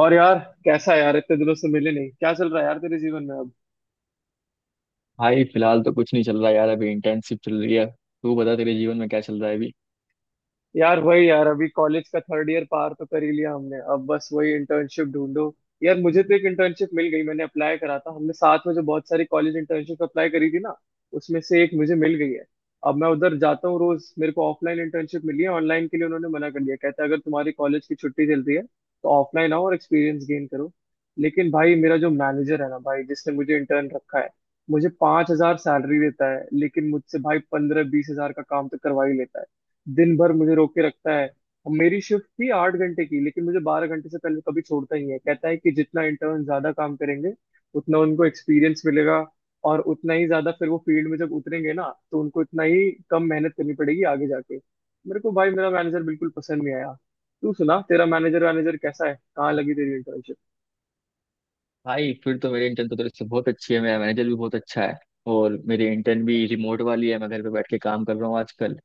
और यार, कैसा है यार? इतने दिनों से मिले नहीं। क्या चल रहा है यार तेरे जीवन में अब? भाई फिलहाल तो कुछ नहीं चल रहा यार, अभी इंटर्नशिप चल रही है। तू बता तेरे जीवन में क्या चल रहा है अभी? यार वही यार, अभी कॉलेज का थर्ड ईयर पार तो कर ही लिया हमने। अब बस वही इंटर्नशिप ढूंढो। यार मुझे तो एक इंटर्नशिप मिल गई। मैंने अप्लाई करा था, हमने साथ में जो बहुत सारी कॉलेज इंटर्नशिप अप्लाई करी थी ना, उसमें से एक मुझे मिल गई है। अब मैं उधर जाता हूँ रोज। मेरे को ऑफलाइन इंटर्नशिप मिली है, ऑनलाइन के लिए उन्होंने मना कर दिया। कहते हैं अगर तुम्हारी कॉलेज की छुट्टी चलती है तो ऑफलाइन आओ और एक्सपीरियंस गेन करो। लेकिन भाई मेरा जो मैनेजर है ना भाई, जिसने मुझे इंटर्न रखा है, मुझे 5,000 सैलरी देता है, लेकिन मुझसे भाई 15-20 हजार का काम तो करवा ही लेता है। दिन भर मुझे रोक के रखता है। और मेरी शिफ्ट थी 8 घंटे की, लेकिन मुझे 12 घंटे से पहले कभी छोड़ता ही है। कहता है कि जितना इंटर्न ज्यादा काम करेंगे, उतना उनको एक्सपीरियंस मिलेगा, और उतना ही ज्यादा फिर वो फील्ड में जब उतरेंगे ना, तो उनको इतना ही कम मेहनत करनी पड़ेगी आगे जाके। मेरे को भाई मेरा मैनेजर बिल्कुल पसंद नहीं आया। तू सुना, तेरा मैनेजर मैनेजर कैसा है? कहाँ लगी तेरी इंटर्नशिप? भाई फिर तो मेरे इंटर्न तो तेरे से बहुत अच्छी है, मेरा मैनेजर भी बहुत अच्छा है। और मेरी इंटर्न भी रिमोट वाली है, मैं घर पे बैठ के काम कर रहा हूँ आजकल।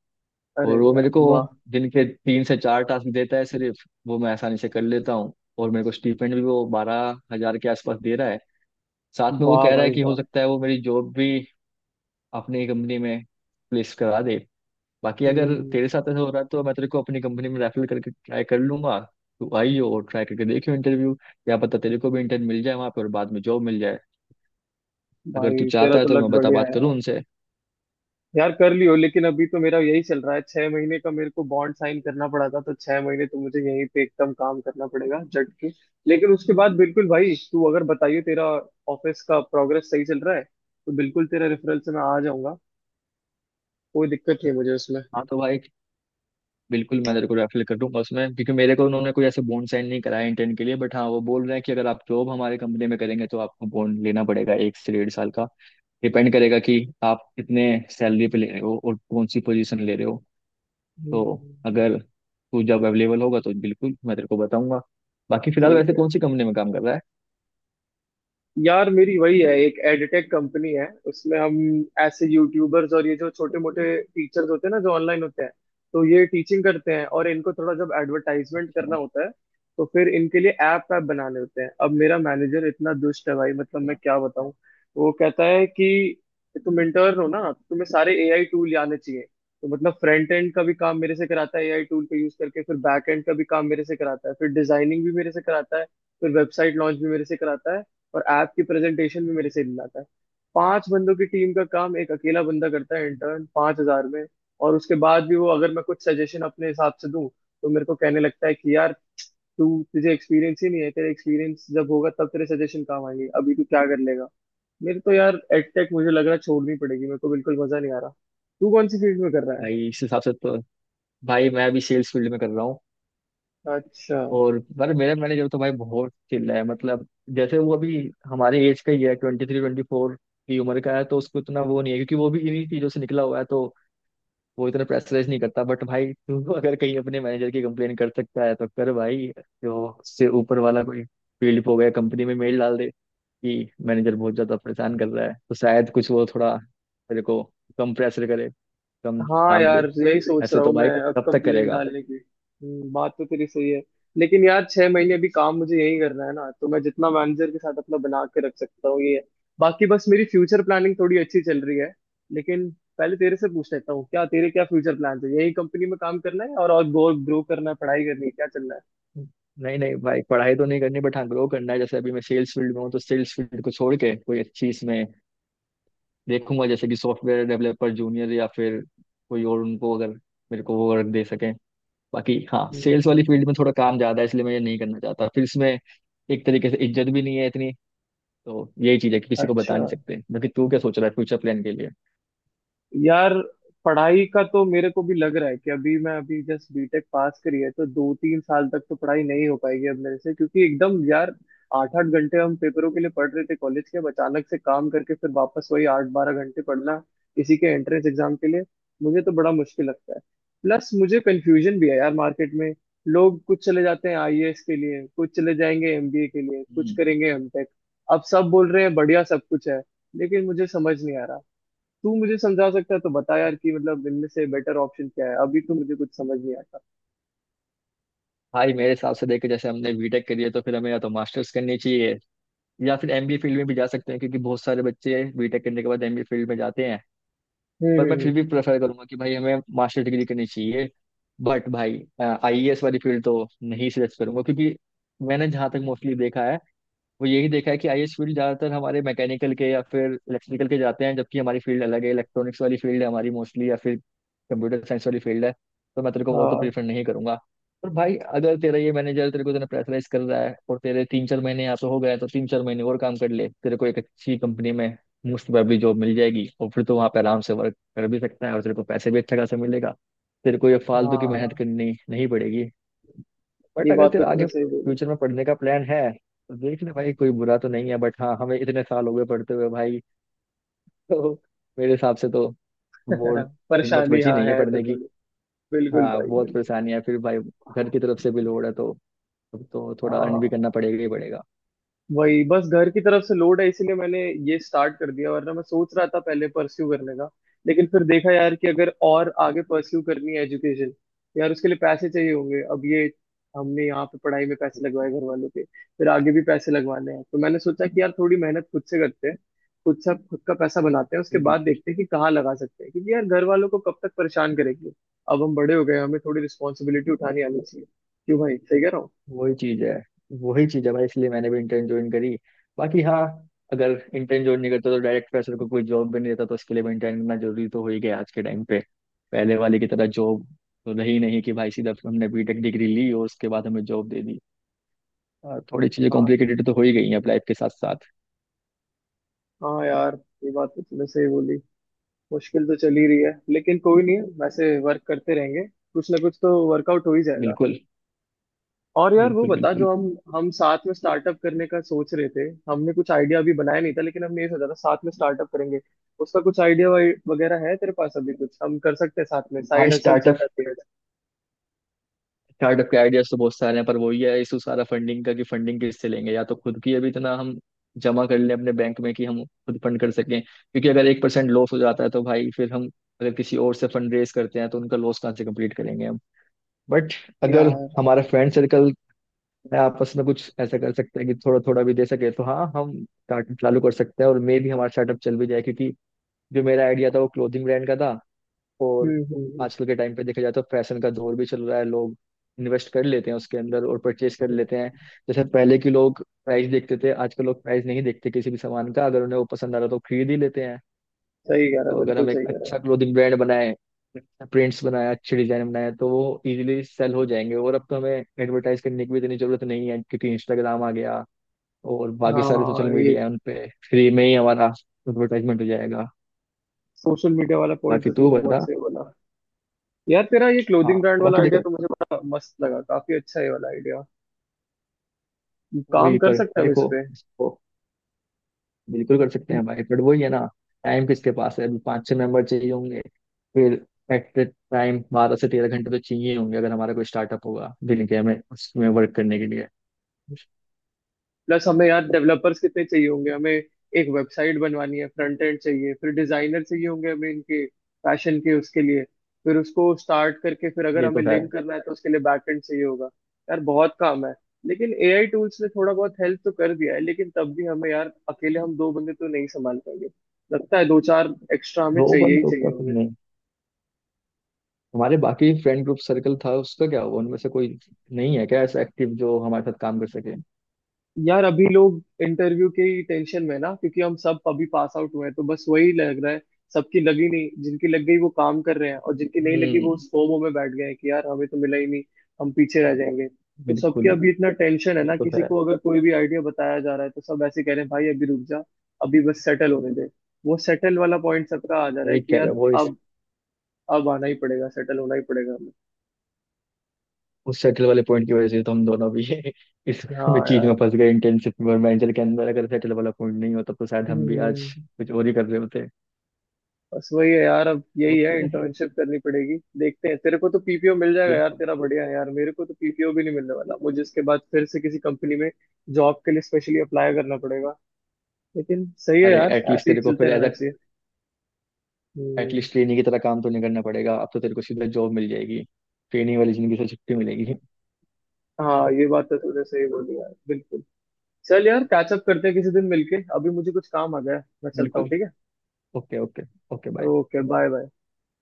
अरे और वो यार मेरे को वाह। दिन के 3 से 4 टास्क देता है सिर्फ, वो मैं आसानी से कर लेता हूँ। और मेरे को स्टीपेंड भी वो 12,000 के आसपास दे रहा है। साथ में वो वाह कह रहा है भाई कि हो वाह। सकता है वो मेरी जॉब भी अपनी कंपनी में प्लेस करा दे। बाकी अगर हम्म। तेरे साथ ऐसा हो रहा है तो मैं तेरे को अपनी कंपनी में रेफर करके ट्राई कर लूंगा। तू आइयो और ट्राई करके देखियो इंटरव्यू, क्या पता तेरे को भी इंटर्न मिल जाए वहां पर और बाद में जॉब मिल जाए। अगर तू भाई तेरा चाहता है तो तो मैं लक बता बढ़िया। बात करूँ उनसे। यार कर लियो, लेकिन अभी तो मेरा यही चल रहा है। 6 महीने का मेरे को बॉन्ड साइन करना पड़ा था, तो 6 महीने तो मुझे यहीं पे एकदम काम करना पड़ेगा जट के। लेकिन उसके बाद बिल्कुल भाई, तू अगर बताइए तेरा ऑफिस का प्रोग्रेस सही चल रहा है तो बिल्कुल तेरा रेफरेंस से मैं आ जाऊंगा। कोई दिक्कत नहीं है मुझे उसमें। हाँ तो भाई बिल्कुल मैं तेरे को रेफर कर दूंगा उसमें, क्योंकि मेरे को उन्होंने कोई ऐसे बॉन्ड साइन नहीं कराया इंटर्न के लिए। बट हाँ वो बोल रहे हैं कि अगर आप जॉब हमारे कंपनी में करेंगे तो आपको बॉन्ड लेना पड़ेगा 1 से 1.5 साल का। डिपेंड करेगा कि आप कितने सैलरी पे ले रहे हो और कौन सी पोजीशन ले रहे हो। तो हम्म। अगर तू जब अवेलेबल होगा तो बिल्कुल मैं तेरे को बताऊंगा। बाकी फिलहाल ठीक वैसे है। कौन सी कंपनी में काम कर रहा है? यार मेरी वही है, एक एडटेक कंपनी है, उसमें हम ऐसे यूट्यूबर्स और ये जो छोटे मोटे टीचर्स होते हैं ना, जो ऑनलाइन होते हैं, तो ये टीचिंग करते हैं, और इनको थोड़ा जब एडवर्टाइजमेंट करना अच्छा, होता है तो फिर इनके लिए ऐप ऐप बनाने होते हैं। अब मेरा मैनेजर इतना दुष्ट है भाई, मतलब मैं अच्छा। क्या बताऊं। वो कहता है कि तुम इंटर्न हो ना तो तुम्हें सारे एआई टूल आने चाहिए। तो मतलब फ्रंट एंड का भी काम मेरे से कराता है, एआई टूल का यूज करके, फिर बैक एंड का भी काम मेरे से कराता है, फिर डिजाइनिंग भी मेरे से कराता है, फिर वेबसाइट लॉन्च भी मेरे से कराता है, और ऐप की प्रेजेंटेशन भी मेरे से लाता है। पांच बंदों की टीम का काम एक अकेला बंदा करता है, इंटर्न, 5,000 में। और उसके बाद भी वो, अगर मैं कुछ सजेशन अपने हिसाब से दूं तो मेरे को कहने लगता है कि यार, तू तुझे एक्सपीरियंस ही नहीं है। तेरा एक्सपीरियंस जब होगा तब तेरे सजेशन काम आएंगे, अभी तू क्या कर लेगा। मेरे तो यार एडटेक मुझे लग रहा है छोड़नी पड़ेगी, मेरे को बिल्कुल मजा नहीं आ रहा। तू कौन सी फील्ड में कर रहा भाई इस हिसाब से तो भाई मैं अभी सेल्स फील्ड में कर रहा हूँ। है? अच्छा। और पर मेरा मैनेजर तो भाई बहुत चिल है, मतलब जैसे वो अभी हमारे एज का ही है, 23 24 की उम्र का है। तो उसको इतना वो नहीं है क्योंकि वो भी इन्हीं चीजों से निकला हुआ है, तो वो इतना प्रेशराइज नहीं करता। बट भाई तू अगर कहीं अपने मैनेजर की कंप्लेन कर सकता है तो कर भाई। जो उससे ऊपर वाला कोई फील्ड पे हो गया कंपनी में, मेल डाल दे कि मैनेजर बहुत ज्यादा परेशान कर रहा है, तो शायद कुछ वो थोड़ा तेरे को कम प्रेशर करे, कम हाँ काम दे। यार, यही सोच ऐसे रहा हूँ तो मैं भाई अब कब तक कंप्लेंट करेगा? डालने की। बात तो तेरी सही है। लेकिन यार 6 महीने अभी काम मुझे यही करना है ना, तो मैं जितना मैनेजर के साथ अपना बना के रख सकता हूँ ये है। बाकी बस मेरी फ्यूचर प्लानिंग थोड़ी अच्छी चल रही है। लेकिन पहले तेरे से पूछ लेता हूँ, क्या तेरे क्या फ्यूचर प्लान है? यही कंपनी में काम करना है और ग्रो करना है, पढ़ाई करनी है, क्या चलना है? नहीं नहीं भाई पढ़ाई तो नहीं करनी, बट हाँ ग्रो करना है। जैसे अभी मैं सेल्स फील्ड में हूँ, तो सेल्स फील्ड को छोड़ के कोई अच्छी इसमें देखूंगा, जैसे कि सॉफ्टवेयर डेवलपर जूनियर या फिर कोई और, उनको अगर मेरे को वो वर्क दे सके। बाकी हाँ हम्म। सेल्स वाली फील्ड में थोड़ा काम ज्यादा है इसलिए मैं ये नहीं करना चाहता फिर इसमें। एक तरीके से इज्जत भी नहीं है इतनी, तो यही चीज है कि किसी को अच्छा। बता नहीं सकते। बाकी तू क्या सोच रहा है फ्यूचर प्लान के लिए? यार पढ़ाई का तो मेरे को भी लग रहा है कि अभी मैं, अभी जस्ट बीटेक पास करी है तो 2-3 साल तक तो पढ़ाई नहीं हो पाएगी अब मेरे से, क्योंकि एकदम यार 8-8 घंटे हम पेपरों के लिए पढ़ रहे थे कॉलेज के, अब अचानक से काम करके फिर वापस वही 8-12 घंटे पढ़ना, इसी के एंट्रेंस एग्जाम के लिए, मुझे तो बड़ा मुश्किल लगता है। प्लस मुझे कंफ्यूजन भी है यार, मार्केट में लोग कुछ चले जाते हैं आईएएस के लिए, कुछ चले जाएंगे एमबीए के लिए, कुछ हम्म, करेंगे एमटेक। अब सब बोल रहे हैं बढ़िया सब कुछ है, लेकिन मुझे समझ नहीं आ रहा। तू मुझे समझा सकता है तो बता यार कि मतलब इनमें से बेटर ऑप्शन क्या है? अभी तो मुझे कुछ समझ नहीं आता। भाई मेरे हिसाब से देखे जैसे हमने बीटेक करी है तो फिर हमें या तो मास्टर्स करनी चाहिए, या फिर एमबीए फील्ड में भी जा सकते हैं, क्योंकि बहुत सारे बच्चे बीटेक करने के बाद एमबीए फील्ड में जाते हैं। पर मैं फिर हम्म। भी प्रेफर करूंगा कि भाई हमें मास्टर डिग्री करनी चाहिए। बट भाई आईएएस वाली फील्ड तो नहीं सिलेक्ट करूंगा, क्योंकि मैंने जहां तक मोस्टली देखा है वो यही देखा है कि आईएएस फील्ड ज्यादातर हमारे मैकेनिकल के या फिर इलेक्ट्रिकल के जाते हैं, जबकि हमारी फील्ड अलग है, इलेक्ट्रॉनिक्स वाली फील्ड है हमारी मोस्टली, या फिर कंप्यूटर साइंस वाली फील्ड है। तो मैं तेरे को वो तो हाँ प्रीफर नहीं करूंगा। पर भाई अगर तेरा ये मैनेजर तेरे को इतना प्रेशराइज कर रहा है और तेरे 3 4 महीने यहाँ पे हो गए हैं, तो 3 4 महीने और काम कर ले, तेरे को एक अच्छी कंपनी में मोस्ट प्रोबेबली जॉब मिल जाएगी, और फिर तो वहाँ पे आराम से वर्क कर भी सकता है और तेरे को पैसे भी अच्छा खासा मिलेगा। तेरे को ये फालतू की मेहनत हाँ, करनी नहीं पड़ेगी। बट ये अगर बात तो तेरा थोड़ा आगे सही बोली। फ्यूचर में पढ़ने का प्लान है तो देख ले भाई, कोई बुरा तो नहीं है, बट हाँ हमें इतने साल हो गए पढ़ते हुए भाई, तो मेरे हिसाब से तो वो हिम्मत परेशानी बची हाँ नहीं है है तो पढ़ने की। थोड़ी। बिल्कुल हाँ भाई बहुत बिल्कुल। परेशानी है फिर भाई, घर की तरफ से भी लोड है, तो अब तो थोड़ा अर्न भी हाँ। करना पड़ेगा ही पड़ेगा। वही बस घर की तरफ से लोड है, इसीलिए मैंने ये स्टार्ट कर दिया। वरना मैं सोच रहा था पहले परस्यू करने का, लेकिन फिर देखा यार कि अगर और आगे परस्यू करनी है एजुकेशन, यार उसके लिए पैसे चाहिए होंगे। अब ये, हमने यहाँ पे पढ़ाई में पैसे लगवाए घर वालों के, फिर आगे भी पैसे लगवाने हैं, तो मैंने सोचा कि यार थोड़ी मेहनत खुद से करते हैं, खुद से खुद का पैसा बनाते हैं, उसके बिल्कुल, बाद बिल्कुल। देखते हैं कि कहाँ लगा सकते हैं, क्योंकि यार घर वालों को कब तक परेशान करेंगे। अब हम बड़े हो गए, हमें थोड़ी रिस्पॉन्सिबिलिटी उठानी आनी चाहिए। क्यों भाई, सही कह रहा हूँ? वही चीज है, वही चीज है भाई, इसलिए मैंने भी इंटर्न ज्वाइन करी। बाकी हाँ अगर इंटर्न ज्वाइन नहीं करता तो डायरेक्ट प्रेशर को कोई जॉब भी नहीं देता, तो उसके लिए भी इंटर्न करना जरूरी तो हो ही गया आज के टाइम पे। पहले वाले की तरह जॉब तो रही नहीं कि भाई सीधा हमने बीटेक डिग्री ली और उसके बाद हमें जॉब दे दी, और थोड़ी चीजें हाँ कॉम्प्लिकेटेड तो हो ही गई हैं अब लाइफ के साथ साथ। हाँ यार, ये बात तो तूने सही बोली। मुश्किल तो चल ही रही है, लेकिन कोई नहीं, वैसे वर्क करते रहेंगे, कुछ ना कुछ तो वर्कआउट हो ही जाएगा। बिल्कुल, और यार वो बिल्कुल, बता, बिल्कुल। जो हम साथ में स्टार्टअप करने का सोच रहे थे, हमने कुछ आइडिया अभी बनाया नहीं था, लेकिन हमने ये सोचा था साथ में स्टार्टअप करेंगे। उसका कुछ आइडिया वगैरह है तेरे पास? अभी कुछ हम कर सकते हैं साथ में, भाई साइड हसल चल स्टार्टअप जाती है। स्टार्टअप के आइडियाज तो बहुत सारे हैं, पर वही है इशू सारा फंडिंग का कि फंडिंग किससे लेंगे, या तो खुद की अभी इतना हम जमा कर लें अपने बैंक में कि हम खुद फंड कर सकें, क्योंकि अगर 1% लॉस हो जाता है तो भाई फिर हम, अगर किसी और से फंड रेज करते हैं तो उनका लॉस कहाँ से कंप्लीट करेंगे हम। बट अगर यार हाँ। हमारा फ्रेंड सर्कल में आपस में कुछ ऐसा कर सकते हैं कि थोड़ा थोड़ा भी दे सके, तो हाँ हम स्टार्टअप चालू कर सकते हैं और मे भी हमारा स्टार्टअप चल भी जाए, क्योंकि जो मेरा आइडिया था वो क्लोथिंग ब्रांड का था। और हम्म। आजकल के टाइम पे देखा जाए तो फैशन का दौर भी चल रहा है, लोग इन्वेस्ट कर लेते हैं उसके अंदर और परचेज कर लेते हैं। जैसे पहले के लोग प्राइस देखते थे, आजकल लोग प्राइस नहीं देखते किसी भी सामान का, अगर उन्हें वो पसंद आ रहा तो खरीद ही लेते हैं। सही कह रहा तो है, अगर बिल्कुल हम एक सही कह रहा है। अच्छा क्लोथिंग ब्रांड बनाए, प्रिंट्स बनाए, अच्छे डिजाइन बनाए, तो वो इजीली सेल हो जाएंगे। और अब तो हमें एडवर्टाइज करने की भी इतनी जरूरत नहीं है क्योंकि इंस्टाग्राम आ गया और बाकी सारे सोशल हाँ ये मीडिया है, उन पे फ्री में ही हमारा एडवर्टाइजमेंट हो जाएगा। सोशल मीडिया वाला पॉइंट बाकी तो तू तूने बहुत बता। सही बोला। यार तेरा ये हाँ क्लोथिंग ब्रांड वाला बाकी देखा, आइडिया तो मुझे बड़ा मस्त लगा, काफी अच्छा है ये वाला आइडिया। काम वही कर पर सकते हैं हम इस देखो पे। इसको। बिल्कुल कर सकते हैं भाई, पर वही है ना, टाइम किसके पास है? अभी 5 6 मेंबर चाहिए होंगे, फिर एट द टाइम 12 से 13 घंटे तो चाहिए होंगे अगर हमारा कोई स्टार्टअप होगा दिन के, हमें उसमें वर्क करने के लिए। प्लस हमें यार डेवलपर्स कितने चाहिए होंगे, हमें एक वेबसाइट बनवानी है, फ्रंट एंड चाहिए, फिर डिजाइनर चाहिए होंगे हमें इनके फैशन के उसके लिए, फिर उसको स्टार्ट करके फिर अगर ये हमें तो है। लिंक करना है तो उसके लिए बैक एंड चाहिए होगा। यार बहुत काम है। लेकिन एआई टूल्स ने थोड़ा बहुत हेल्प तो कर दिया है, लेकिन तब भी हमें यार अकेले हम दो बंदे तो नहीं संभाल पाएंगे। लगता है दो चार एक्स्ट्रा हमें दो चाहिए बंद ही तो चाहिए क्या तुम होंगे। नहीं, हमारे बाकी फ्रेंड ग्रुप सर्कल था उसका क्या हुआ, उनमें से कोई नहीं है क्या ऐसा एक्टिव जो हमारे साथ काम कर सके? यार अभी लोग इंटरव्यू की टेंशन में ना, क्योंकि हम सब अभी पास आउट हुए हैं, तो बस वही लग रहा है। सबकी लगी नहीं, जिनकी लग गई वो काम कर रहे हैं, और जिनकी नहीं लगी वो हम्म। उस फोमो में बैठ गए हैं कि यार हमें तो मिला ही नहीं, हम पीछे रह जाएंगे। तो सबके बिल्कुल। अभी इतना टेंशन है ये ना, तो किसी है। को अगर कोई भी आइडिया बताया जा रहा है तो सब ऐसे कह रहे हैं भाई अभी रुक जा, अभी बस सेटल होने दे। वो सेटल वाला पॉइंट सबका आ जा रहा है सही कि कह रहे यार, हो वो। अब अब आना ही पड़ेगा, सेटल होना ही पड़ेगा हमें। उस सेटल वाले पॉइंट की वजह से तो हम दोनों भी इस हाँ चीज में यार। फंस गए इंटर्नशिप में और वेंचर के अंदर। अगर सेटल वाला पॉइंट नहीं होता तो शायद हम भी आज हम्म। कुछ और ही कर रहे होते। बस वही है यार, अब यही है, ओके। इंटर्नशिप करनी पड़ेगी। देखते हैं, तेरे को तो पीपीओ मिल जाएगा, यार बिल्कुल। तेरा बढ़िया है। यार मेरे को तो पीपीओ भी नहीं मिलने वाला, मुझे इसके बाद फिर से किसी कंपनी में जॉब के लिए स्पेशली अप्लाई करना पड़ेगा। लेकिन सही है अरे यार, एटलीस्ट ऐसे ही तेरे को फिर चलते एज रहना अ चाहिए। हम्म। एटलीस्ट ट्रेनी की तरह काम तो नहीं करना पड़ेगा, अब तो तेरे को सीधा जॉब मिल जाएगी, ट्रेनिंग वाली जिंदगी से छुट्टी मिलेगी। हाँ ये बात तो तूने सही बोली यार, बिल्कुल। चल यार, कैचअप करते हैं किसी दिन मिलके। अभी मुझे कुछ काम आ गया है, मैं चलता हूँ, बिल्कुल। ठीक है। Okay, okay. Okay, bye. Okay bye bye.